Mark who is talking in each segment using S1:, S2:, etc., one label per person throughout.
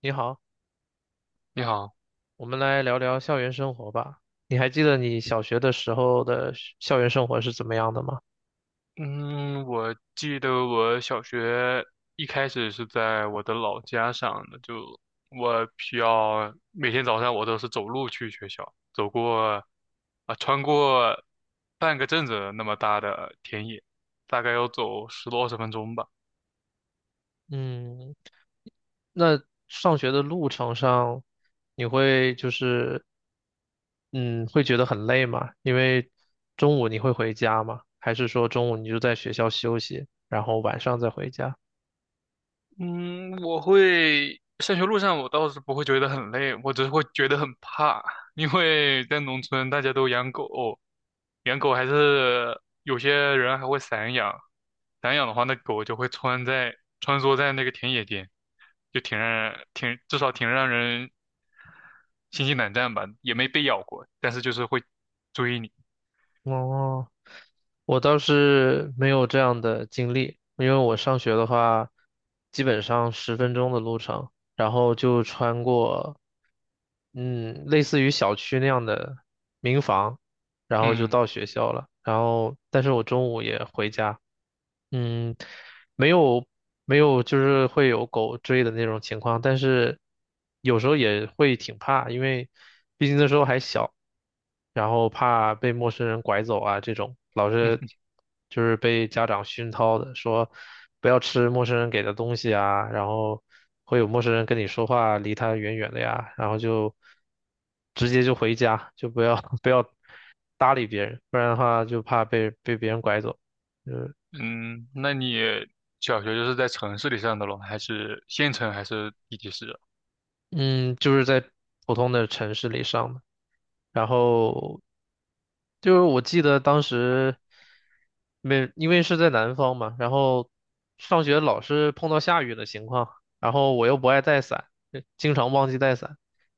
S1: 你好，
S2: 你好。
S1: 我们来聊聊校园生活吧。你还记得你小学的时候的学校园生活是怎么样的吗？
S2: 嗯，我记得我小学一开始是在我的老家上的，就我需要每天早上我都是走路去学校，走过穿过半个镇子那么大的田野，大概要走十多二十分钟吧。
S1: 嗯，那上学的路程上，你会就是，嗯，会觉得很累吗？因为中午你会回家吗？还是说中午你就在学校休息，然后晚上再回家？
S2: 嗯，我会上学路上我倒是不会觉得很累，我只是会觉得很怕，因为在农村大家都养狗，养狗还是有些人还会散养，散养的话那狗就会穿梭在那个田野间，就挺让人挺至少挺让人心惊胆战吧，也没被咬过，但是就是会追你。
S1: 哦。我倒是没有这样的经历，因为我上学的话，基本上10分钟的路程，然后就穿过，类似于小区那样的民房，然后就
S2: 嗯
S1: 到学校了。然后，但是我中午也回家，嗯，没有没有，就是会有狗追的那种情况，但是有时候也会挺怕，因为毕竟那时候还小，然后怕被陌生人拐走啊，这种老
S2: 嗯
S1: 是 就是被家长熏陶的，说不要吃陌生人给的东西啊，然后会有陌生人跟你说话，离他远远的呀，然后就直接就回家，就不要 不要搭理别人，不然的话就怕被别人拐走。
S2: 嗯，那你小学就是在城市里上的咯，还是县城还是地级市啊？
S1: 嗯，就是在普通的城市里上的，然后就是我记得当时没，因为是在南方嘛，然后上学老是碰到下雨的情况，然后我又不爱带伞，经常忘记带伞，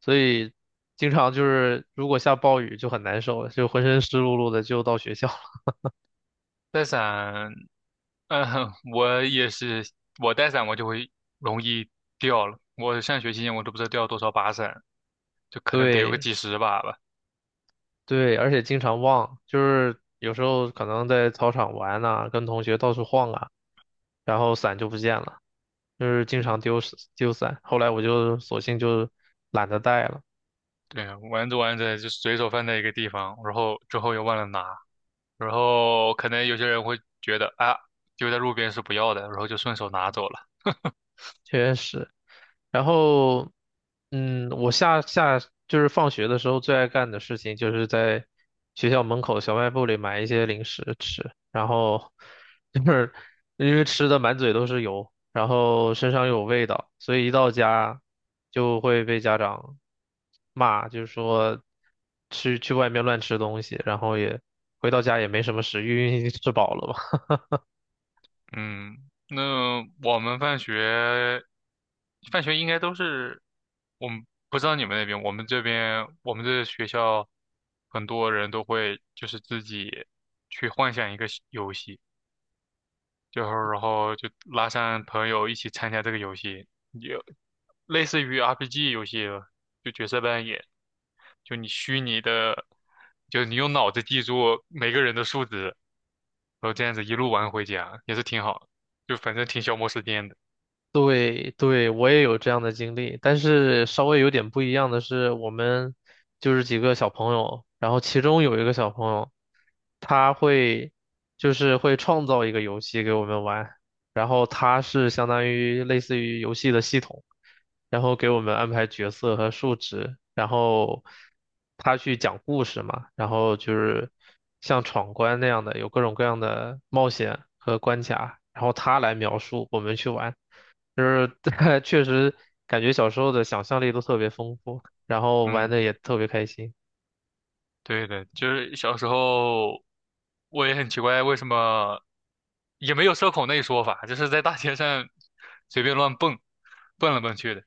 S1: 所以经常就是如果下暴雨就很难受了，就浑身湿漉漉的就到学校了。
S2: 在陕嗯，我也是，我带伞我就会容易掉了。我上学期间我都不知道掉了多少把伞，就 可能得有个
S1: 对
S2: 几十把吧。
S1: 对，而且经常忘，就是有时候可能在操场玩呐、跟同学到处晃啊。然后伞就不见了，就是经常
S2: 嗯，
S1: 丢伞。后来我就索性就懒得带了，
S2: 对啊，玩着玩着就随手放在一个地方，然后之后又忘了拿，然后可能有些人会觉得啊，丢在路边是不要的，然后就顺手拿走了。
S1: 确实。然后，我下就是放学的时候最爱干的事情，就是在学校门口小卖部里买一些零食吃，然后就是因为吃的满嘴都是油，然后身上又有味道，所以一到家就会被家长骂，就是说去外面乱吃东西，然后也回到家也没什么食欲，因为吃饱了嘛。
S2: 嗯，那我们放学，放学应该都是，我们不知道你们那边，我们这边，我们这学校很多人都会就是自己去幻想一个西游戏，就是然后就拉上朋友一起参加这个游戏，就类似于 RPG 游戏了，就角色扮演，就你虚拟的，就你用脑子记住每个人的数值。然后这样子一路玩回家也是挺好的，就反正挺消磨时间的。
S1: 对对，我也有这样的经历，但是稍微有点不一样的是，我们就是几个小朋友，然后其中有一个小朋友，他会就是会创造一个游戏给我们玩，然后他是相当于类似于游戏的系统，然后给我们安排角色和数值，然后他去讲故事嘛，然后就是像闯关那样的，有各种各样的冒险和关卡，然后他来描述，我们去玩。就是 确实感觉小时候的想象力都特别丰富，然后玩
S2: 嗯，
S1: 的也特别开心。
S2: 对的，就是小时候我也很奇怪为什么也没有社恐那一说法，就是在大街上随便乱蹦，蹦来蹦去的。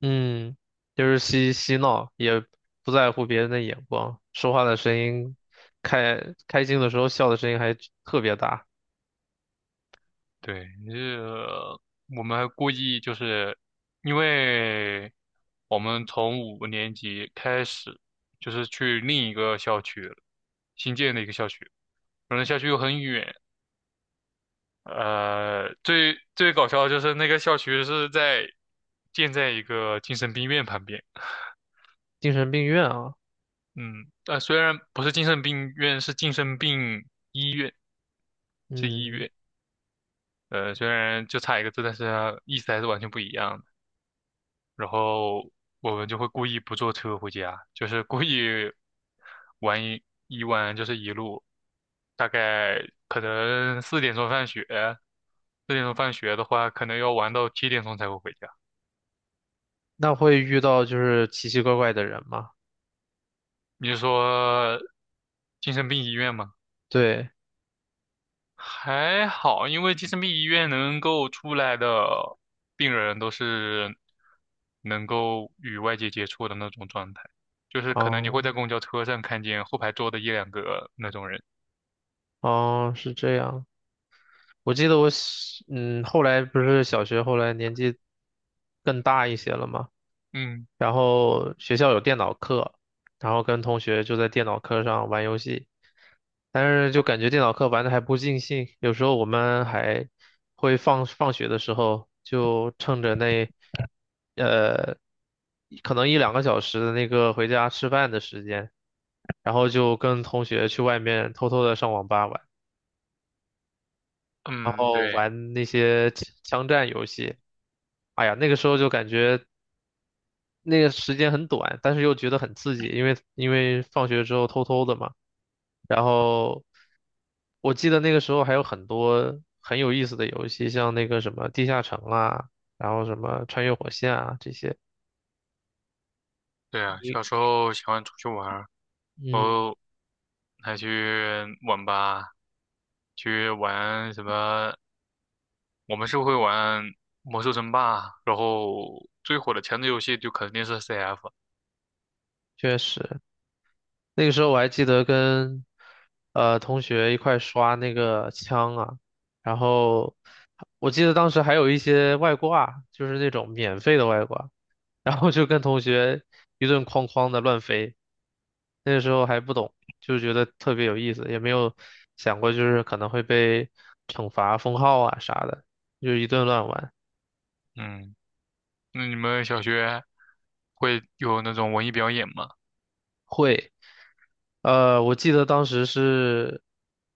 S1: 嗯，就是嬉嬉闹，也不在乎别人的眼光，说话的声音，开开心的时候笑的声音还特别大，
S2: 对，我们还故意就是因为我们从五年级开始就是去另一个校区了，新建的一个校区，反正校区又很远。呃，最最搞笑的就是那个校区是建在一个精神病院旁边。
S1: 精神病院啊。
S2: 嗯，虽然不是精神病院，是精神病医院，是医
S1: 嗯，
S2: 院。虽然就差一个字，但是它意思还是完全不一样的。然后我们就会故意不坐车回家，就是故意玩一一玩就是一路，大概可能四点钟放学，四点钟放学的话，可能要玩到七点钟才会回家。
S1: 那会遇到就是奇奇怪怪的人吗？
S2: 你是说精神病医院吗？
S1: 对，
S2: 还好，因为精神病医院能够出来的病人都是能够与外界接触的那种状态，就是可能你会
S1: 哦
S2: 在公交车上看见后排坐的一两个那种人。
S1: 哦，是这样。我记得我小嗯，后来不是小学，后来年纪更大一些了嘛。
S2: 嗯
S1: 然后学校有电脑课，然后跟同学就在电脑课上玩游戏，但是就感觉电脑课玩的还不尽兴，有时候我们还会放学的时候就趁着那呃可能一两个小时的那个回家吃饭的时间，然后就跟同学去外面偷偷的上网吧玩，然
S2: 嗯，
S1: 后
S2: 对，
S1: 玩那些枪战游戏。哎呀，那个时候就感觉那个时间很短，但是又觉得很刺激，因为放学之后偷偷的嘛。然后我记得那个时候还有很多很有意思的游戏，像那个什么地下城啊，然后什么穿越火线啊这些。
S2: 对啊，
S1: 你
S2: 小时候喜欢出去玩儿，然
S1: 嗯，
S2: 后还去网吧去玩什么，我们是会玩魔兽争霸，然后最火的前置游戏就肯定是 CF。
S1: 确实，那个时候我还记得跟同学一块刷那个枪啊，然后我记得当时还有一些外挂，就是那种免费的外挂。然后就跟同学一顿哐哐的乱飞。那个时候还不懂，就觉得特别有意思，也没有想过就是可能会被惩罚、封号啊啥的，就一顿乱玩。
S2: 嗯，那你们小学会有那种文艺表演吗？
S1: 我记得当时是，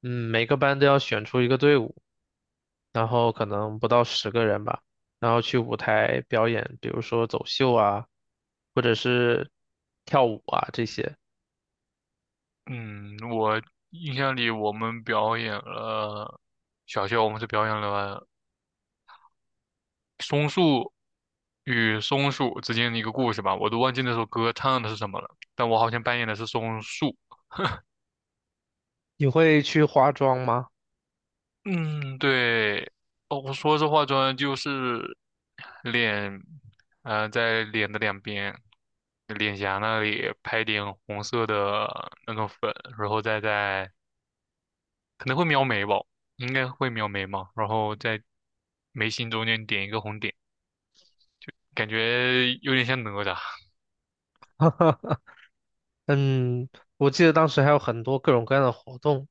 S1: 每个班都要选出一个队伍，然后可能不到10个人吧，然后去舞台表演，比如说走秀啊，或者是跳舞啊这些。
S2: 嗯，印象里我们表演了，小学我们是表演了松树与松鼠之间的一个故事吧，我都忘记那首歌唱的是什么了，但我好像扮演的是松树。
S1: 你会去化妆吗？
S2: 嗯，对，哦，我说这化妆就是脸，在脸的两边，脸颊那里拍点红色的那种粉，然后可能会描眉吧，应该会描眉嘛，然后在眉心中间点一个红点，感觉有点像哪吒。
S1: 嗯，我记得当时还有很多各种各样的活动，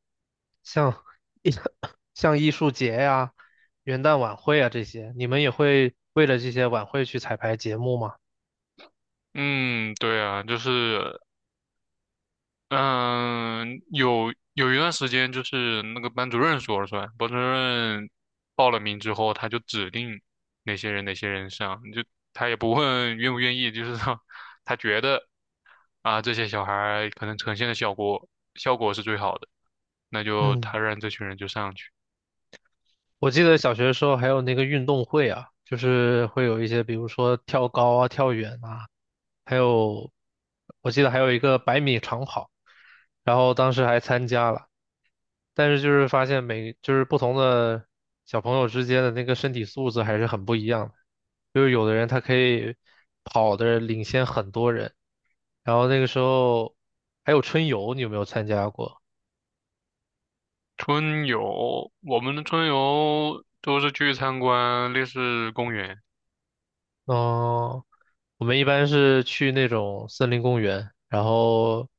S1: 像 像艺术节呀、元旦晚会啊这些，你们也会为了这些晚会去彩排节目吗？
S2: 嗯，对啊，就是嗯，有一段时间就是那个班主任说了算，班主任报了名之后，他就指定哪些人哪些人上，就他也不问愿不愿意，就是说他觉得啊这些小孩儿可能呈现的效果是最好的，那就
S1: 嗯，
S2: 他让这群人就上去。
S1: 我记得小学的时候还有那个运动会啊，就是会有一些，比如说跳高啊、跳远啊，还有我记得还有一个100米长跑，然后当时还参加了，但是就是发现就是不同的小朋友之间的那个身体素质还是很不一样的。就是有的人他可以跑的领先很多人，然后那个时候还有春游，你有没有参加过？
S2: 春游，我们的春游都是去参观烈士公园。
S1: 嗯，我们一般是去那种森林公园，然后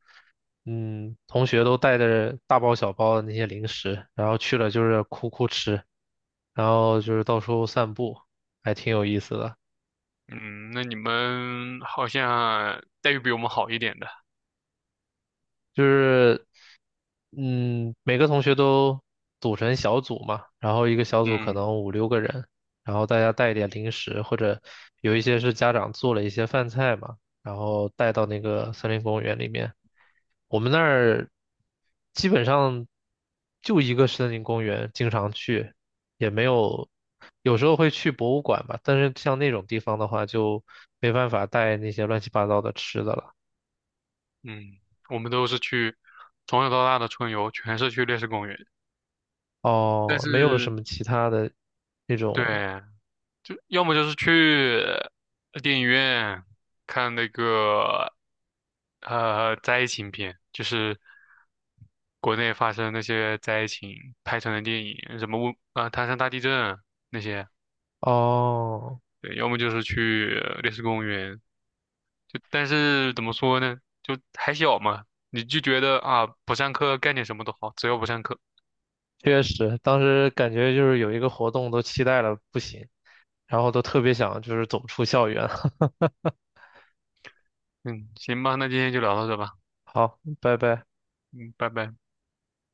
S1: 同学都带着大包小包的那些零食，然后去了就是哭哭吃，然后就是到处散步，还挺有意思的。
S2: 嗯，那你们好像待遇比我们好一点的。
S1: 就是，每个同学都组成小组嘛，然后一个小组可
S2: 嗯，
S1: 能五六个人，然后大家带一点零食，或者有一些是家长做了一些饭菜嘛，然后带到那个森林公园里面。我们那儿基本上就一个森林公园，经常去，也没有，有时候会去博物馆吧，但是像那种地方的话，就没办法带那些乱七八糟的吃的了。
S2: 嗯,我们都是去从小到大的春游，全是去烈士公园。但
S1: 哦，没有什
S2: 是，
S1: 么其他的那
S2: 对，
S1: 种
S2: 就要么就是去电影院看那个灾情片，就是国内发生那些灾情拍成的电影，什么唐山大地震那些。
S1: 哦，
S2: 对，要么就是去烈士公园。就但是怎么说呢，就还小嘛，你就觉得啊不上课干点什么都好，只要不上课。
S1: 确实，当时感觉就是有一个活动都期待了不行，然后都特别想就是走出校园。
S2: 嗯，行吧，那今天就聊到这吧。
S1: 好，拜拜。
S2: 嗯，拜拜。